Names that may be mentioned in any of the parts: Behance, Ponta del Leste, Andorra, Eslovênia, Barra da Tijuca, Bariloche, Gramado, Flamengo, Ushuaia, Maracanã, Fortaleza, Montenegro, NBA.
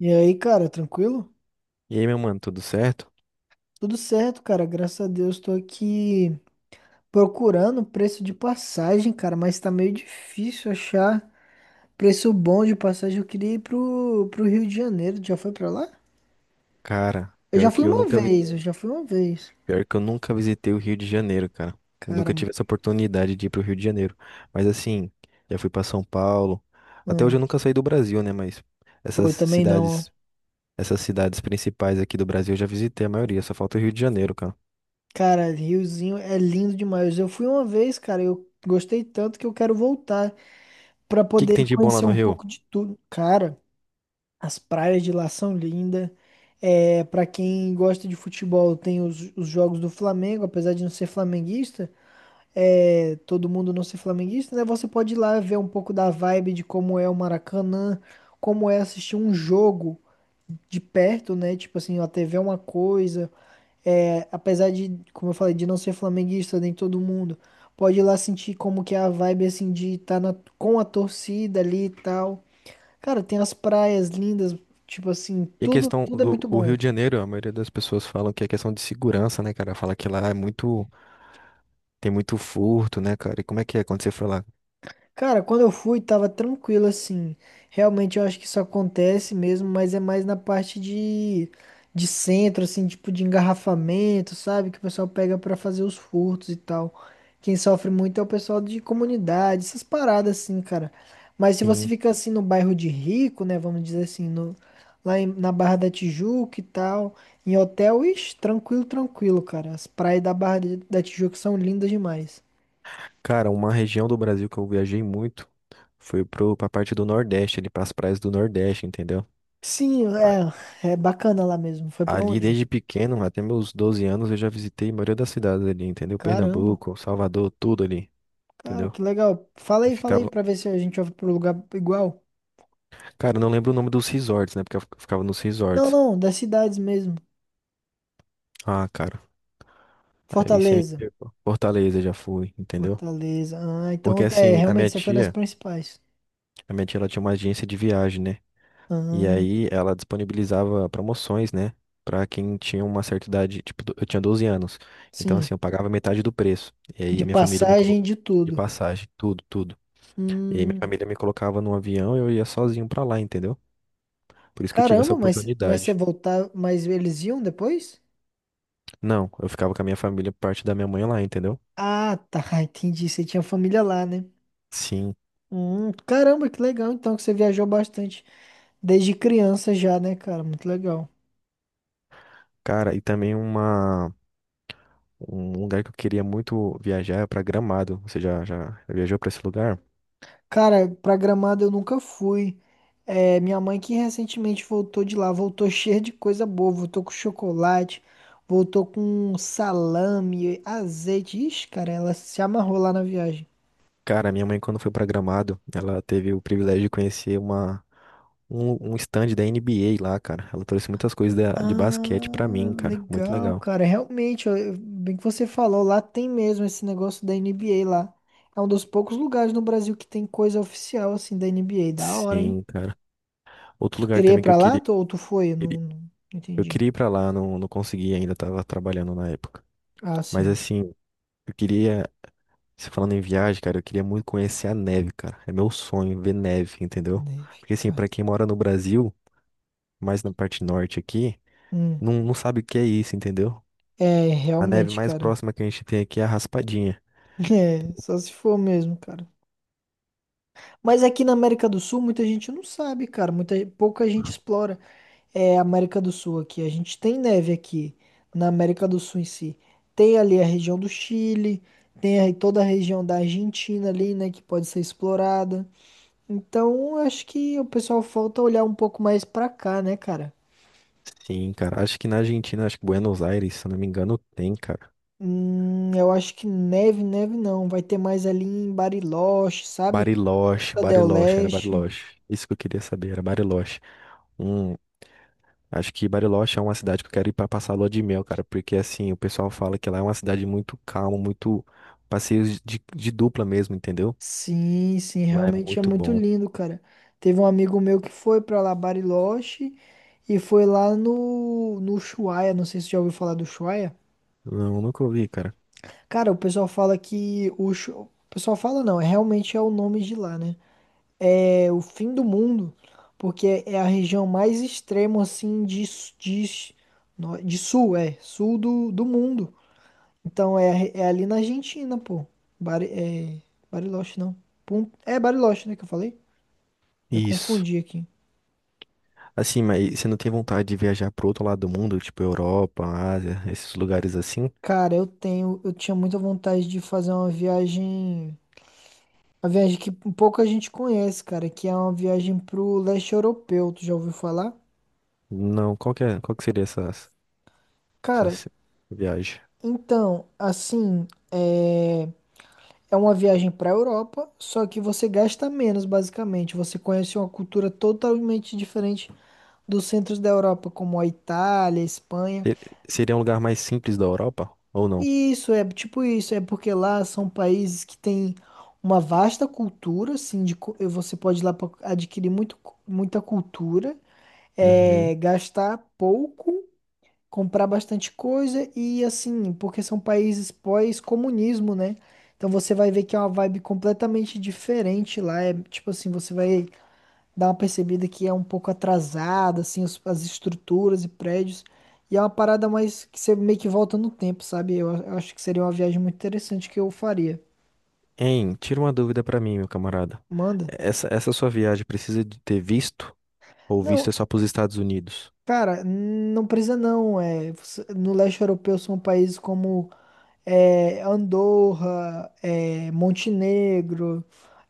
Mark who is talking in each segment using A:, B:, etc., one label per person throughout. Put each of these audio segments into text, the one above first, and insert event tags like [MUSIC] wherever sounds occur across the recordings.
A: E aí, cara, tranquilo?
B: E aí, meu mano, tudo certo?
A: Tudo certo, cara. Graças a Deus, tô aqui procurando preço de passagem, cara, mas tá meio difícil achar preço bom de passagem. Eu queria ir pro Rio de Janeiro. Tu Já foi pra lá?
B: Cara,
A: Eu já fui uma vez, eu já fui uma vez.
B: pior que eu nunca visitei o Rio de Janeiro, cara. Eu
A: Cara,
B: nunca tive essa oportunidade de ir pro Rio de Janeiro. Mas assim, já fui pra São Paulo. Até hoje eu
A: hum,
B: nunca saí do Brasil, né? Mas
A: pô,
B: essas
A: eu também não.
B: cidades,
A: Ó.
B: essas cidades principais aqui do Brasil eu já visitei a maioria. Só falta o Rio de Janeiro, cara. O
A: Cara, Riozinho é lindo demais. Eu fui uma vez, cara, eu gostei tanto que eu quero voltar pra
B: que que tem
A: poder
B: de bom lá
A: conhecer
B: no
A: um
B: Rio?
A: pouco de tudo. Cara. As praias de lá são lindas. É, para quem gosta de futebol, tem os jogos do Flamengo, apesar de não ser flamenguista, é, todo mundo não ser flamenguista, né? Você pode ir lá ver um pouco da vibe de como é o Maracanã, como é assistir um jogo de perto, né? Tipo assim, a TV é uma coisa, é, apesar de, como eu falei, de não ser flamenguista, nem todo mundo, pode ir lá sentir como que é a vibe, assim, de estar com a torcida ali e tal. Cara, tem as praias lindas, tipo assim,
B: E a
A: tudo,
B: questão
A: tudo é
B: do
A: muito
B: o Rio
A: bom.
B: de Janeiro, a maioria das pessoas falam que é questão de segurança, né, cara? Fala que lá tem muito furto, né, cara? E como é que é quando você foi lá?
A: Cara, quando eu fui, tava tranquilo assim. Realmente eu acho que isso acontece mesmo, mas é mais na parte de centro, assim, tipo de engarrafamento, sabe? Que o pessoal pega pra fazer os furtos e tal. Quem sofre muito é o pessoal de comunidade, essas paradas assim, cara. Mas se você fica assim no bairro de rico, né? Vamos dizer assim, no, lá em- na Barra da Tijuca e tal, em hotel, ixi, tranquilo, tranquilo, cara. As praias da Barra da Tijuca são lindas demais.
B: Cara, uma região do Brasil que eu viajei muito foi pra parte do Nordeste, ali pras praias do Nordeste, entendeu?
A: Sim,
B: A-
A: é, é bacana lá mesmo. Foi pra
B: Ali,
A: onde?
B: desde pequeno, até meus 12 anos, eu já visitei a maioria das cidades ali, entendeu?
A: Caramba,
B: Pernambuco, Salvador, tudo ali,
A: cara,
B: entendeu?
A: que legal.
B: Eu
A: Fala aí
B: ficava...
A: pra ver se a gente vai pro lugar igual.
B: Cara, eu não lembro o nome dos resorts, né? Porque eu ficava nos
A: Não,
B: resorts.
A: não, das cidades mesmo.
B: Ah, cara, aí você me
A: Fortaleza.
B: pegou. Fortaleza já fui, entendeu?
A: Fortaleza. Ah,
B: Porque
A: então é,
B: assim, a
A: realmente
B: minha
A: você foi nas
B: tia,
A: principais.
B: a minha tia, ela tinha uma agência de viagem, né? E
A: Ah,
B: aí ela disponibilizava promoções, né? Pra quem tinha uma certa idade, tipo, eu tinha 12 anos. Então,
A: sim.
B: assim, eu pagava metade do preço. E aí
A: De
B: minha família me
A: passagem
B: colocou
A: de
B: de
A: tudo.
B: passagem, tudo, tudo. E aí minha
A: Hum,
B: família me colocava num avião e eu ia sozinho pra lá, entendeu? Por isso que eu tive essa
A: caramba, mas você
B: oportunidade.
A: voltar, mas eles iam depois?
B: Não, eu ficava com a minha família, parte da minha mãe lá, entendeu?
A: Ah, tá, [LAUGHS] entendi. Você tinha família lá, né?
B: Sim.
A: Caramba, que legal então que você viajou bastante. Desde criança já, né, cara? Muito legal.
B: Cara, e também um lugar que eu queria muito viajar é pra Gramado. Você já viajou pra esse lugar?
A: Cara, pra Gramado eu nunca fui. É, minha mãe que recentemente voltou de lá, voltou [LAUGHS] cheia de coisa boa, voltou com chocolate, voltou com salame, azeite. Ixi, cara, ela se amarrou lá na viagem.
B: Cara, minha mãe, quando foi pra Gramado, ela teve o privilégio de conhecer um stand da NBA lá, cara. Ela trouxe muitas coisas de basquete pra
A: Ah,
B: mim, cara. Muito
A: legal,
B: legal.
A: cara. Realmente, ó, eu- bem que você falou, lá tem mesmo esse negócio da NBA lá. É um dos poucos lugares no Brasil que tem coisa oficial assim da NBA. Da hora, hein?
B: Sim, cara. Outro
A: Tu
B: lugar
A: queria ir
B: também que
A: pra lá tu- ou tu foi? Eu
B: queria-
A: Não, não
B: eu
A: entendi.
B: queria ir pra lá, não, não consegui ainda, tava trabalhando na época.
A: Ah,
B: Mas
A: sim.
B: assim, eu queria, se falando em viagem, cara, eu queria muito conhecer a neve, cara. É meu sonho ver neve, entendeu?
A: Deve,
B: Porque assim,
A: cara.
B: pra quem mora no Brasil, mais na parte norte aqui,
A: Hum.
B: não, não sabe o que é isso, entendeu?
A: É,
B: A neve
A: realmente,
B: mais
A: cara.
B: próxima que a gente tem aqui é a raspadinha.
A: [LAUGHS] É, só se for mesmo, cara. Mas aqui na América do Sul, muita gente não sabe, cara. Muita, pouca gente explora. É, a América do Sul aqui. A gente tem neve aqui, na América do Sul em si. Tem ali a região do Chile, tem aí toda a região da Argentina ali, né, que pode ser explorada. Então, acho que o pessoal falta olhar um pouco mais pra cá, né, cara?
B: Sim, cara. Acho que na Argentina, acho que Buenos Aires, se eu não me engano, tem, cara.
A: Eu acho que neve não. Vai ter mais ali em Bariloche, sabe?
B: Bariloche,
A: Ponta del
B: Bariloche, era
A: Leste.
B: Bariloche. Isso que eu queria saber, era Bariloche. Hum, Acho que Bariloche é uma cidade que eu quero ir pra passar a lua de mel, cara. Porque assim, o pessoal fala que lá é uma cidade muito calma, muito passeios de dupla mesmo, entendeu?
A: Sim, sim,
B: Lá é
A: realmente é
B: muito
A: muito
B: bom.
A: lindo, cara. Teve um amigo meu que foi pra lá, Bariloche, e foi lá no Ushuaia. Não sei se você já ouviu falar do Ushuaia.
B: Não, nunca ouvi, cara.
A: Cara, o pessoal fala que o, Ushu- o pessoal fala não, é realmente é o nome de lá, né? É o fim do mundo, porque é a região mais extrema assim de, s- no- de sul, é, sul do mundo. Então é, é ali na Argentina, pô. Bari, é, Bariloche, não. Pun- É Bariloche, né, que eu falei? Já
B: Isso.
A: confundi aqui.
B: Assim, mas você não tem vontade de viajar pro outro lado do mundo, tipo Europa, Ásia, esses lugares assim?
A: Cara, eu tenho, eu tinha muita vontade de fazer uma viagem que pouca gente conhece, cara, que é uma viagem pro leste europeu, tu já ouviu falar?
B: Não, qual que seria essa
A: Cara,
B: essa viagem?
A: então, assim, é, é uma viagem pra Europa, só que você gasta menos, basicamente. Você conhece uma cultura totalmente diferente dos centros da Europa, como a Itália, a Espanha.
B: Se- Seria um lugar mais simples da Europa ou não?
A: Isso é tipo isso, é porque lá são países que têm uma vasta cultura, assim, de, cu- você pode ir lá para adquirir muito, cu- muita cultura,
B: Uhum.
A: é, gastar pouco, comprar bastante coisa e assim, porque são países pós-comunismo, né? Então você vai ver que é uma vibe completamente diferente lá, é tipo assim, você vai dá uma percebida que é um pouco atrasado, assim, os- as estruturas e prédios. E é uma parada mais que você meio que volta no tempo, sabe? Eu, a- eu acho que seria uma viagem muito interessante que eu faria.
B: Hein, tira uma dúvida pra mim, meu camarada.
A: Manda.
B: Essa sua viagem precisa de ter visto ou visto é
A: Não,
B: só pros Estados Unidos?
A: cara, não precisa não. É, você- no leste europeu são países como é, Andorra, é, Montenegro,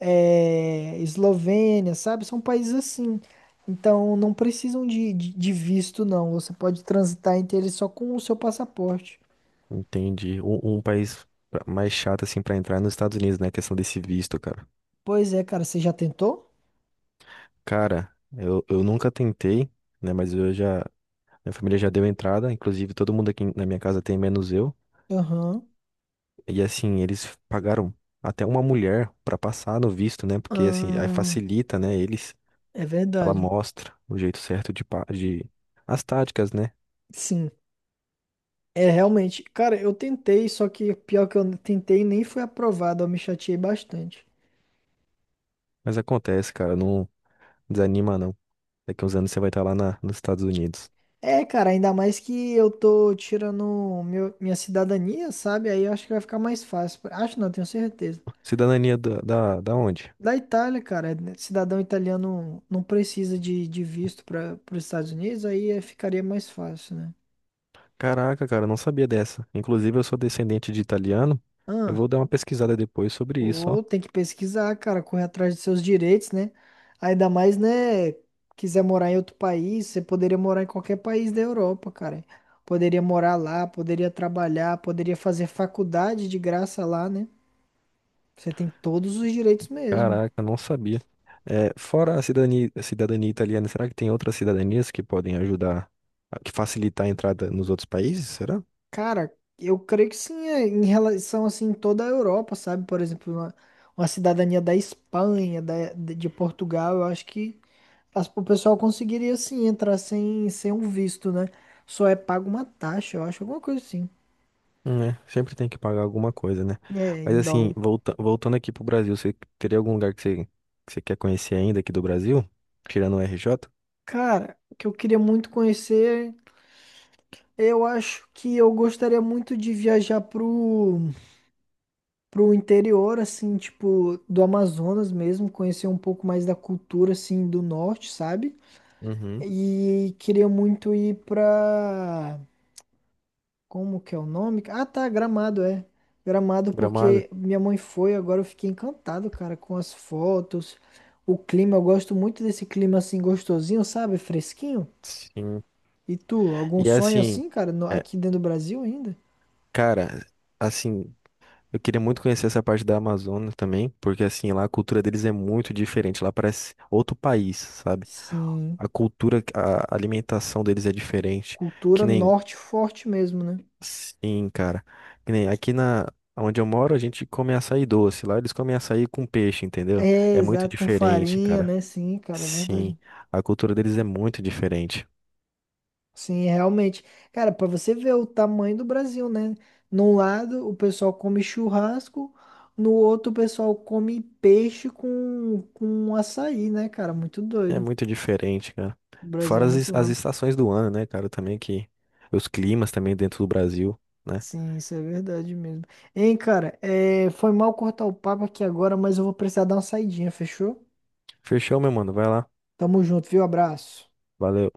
A: é, Eslovênia, sabe? São países assim. Então não precisam de, de visto, não. Você pode transitar entre eles só com o seu passaporte.
B: Entendi. Um país mais chato assim pra entrar é nos Estados Unidos, né? A questão desse visto, cara.
A: Pois é, cara, você já tentou?
B: Cara, eu nunca tentei, né? Mas minha família já deu entrada, inclusive todo mundo aqui na minha casa tem, menos eu.
A: Aham.
B: E assim, eles pagaram até uma mulher pra passar no visto, né? Porque assim, aí
A: Ah,
B: facilita, né, eles.
A: é
B: Ela
A: verdade.
B: mostra o jeito certo de as táticas, né?
A: Sim. É realmente. Cara, eu tentei, só que pior que eu tentei nem foi aprovado. Eu me chateei bastante.
B: Mas acontece, cara, não desanima não. Daqui uns anos você vai estar lá nos Estados Unidos.
A: É, cara, ainda mais que eu tô tirando meu- minha cidadania, sabe? Aí eu acho que vai ficar mais fácil. Acho não, tenho certeza.
B: Cidadania da onde?
A: Da Itália, cara, né, cidadão italiano não precisa de visto para os Estados Unidos, aí eh, ficaria mais fácil, né?
B: Caraca, cara, eu não sabia dessa. Inclusive, eu sou descendente de italiano. Eu
A: Ah,
B: vou dar uma pesquisada depois sobre isso, ó.
A: ou tem que pesquisar, cara, correr atrás de seus direitos, né? Ainda mais, né? Quiser morar em outro país, você poderia morar em qualquer país da Europa, cara. Poderia morar lá, poderia trabalhar, poderia fazer faculdade de graça lá, né? Você tem todos os direitos mesmo.
B: Caraca, não sabia. É, fora a cidadania italiana, será que tem outras cidadanias que podem ajudar, que facilitar a entrada nos outros países? Será?
A: Cara, eu creio que sim, é, em relação assim, em toda a Europa, sabe? Por exemplo, uma cidadania da Espanha, da, de Portugal, eu acho que. As- O pessoal conseguiria sim entrar sem, sem um visto, né? Só é pago uma taxa, eu acho, alguma coisa assim.
B: Né? Sempre tem que pagar alguma coisa, né?
A: É,
B: Mas
A: em
B: assim,
A: dólar.
B: voltando aqui pro Brasil, você teria algum lugar que você quer conhecer ainda aqui do Brasil? Tirando o RJ?
A: Cara, o que eu queria muito conhecer, eu acho que eu gostaria muito de viajar pro, pro interior, assim, tipo, do Amazonas mesmo, conhecer um pouco mais da cultura, assim, do norte, sabe?
B: Uhum.
A: E queria muito ir pra Como que é o nome? Ah, tá, Gramado, é. Gramado
B: Gramado?
A: porque minha mãe foi, agora eu fiquei encantado, cara, com as fotos, o clima, eu gosto muito desse clima assim gostosinho, sabe? Fresquinho.
B: Sim.
A: E tu, algum
B: E
A: sonho
B: assim,
A: assim, cara, no-
B: é,
A: aqui dentro do Brasil ainda?
B: cara, assim, eu queria muito conhecer essa parte da Amazônia também, porque assim, lá a cultura deles é muito diferente, lá parece outro país, sabe?
A: Sim,
B: A cultura, a alimentação deles é diferente, que
A: cultura
B: nem
A: norte forte mesmo, né?
B: Sim, cara. Que nem aqui na onde eu moro, a gente come açaí doce. Lá eles comem açaí com peixe, entendeu?
A: É,
B: É muito
A: exato, com
B: diferente,
A: farinha,
B: cara.
A: né? Sim, cara, é
B: Sim,
A: verdade.
B: a cultura deles é muito diferente.
A: Sim, realmente. Cara, pra você ver o tamanho do Brasil, né? Num lado o pessoal come churrasco, no outro o pessoal come peixe com açaí, né, cara? Muito
B: É
A: doido.
B: muito diferente, cara.
A: O Brasil é
B: Fora as, es-
A: muito
B: as
A: amplo.
B: estações do ano, né, cara? Também que os climas também dentro do Brasil, né?
A: Sim, isso é verdade mesmo. Hein, cara, é, foi mal cortar o papo aqui agora, mas eu vou precisar dar uma saidinha, fechou?
B: Fechou, meu mano. Vai lá.
A: Tamo junto, viu? Abraço.
B: Valeu.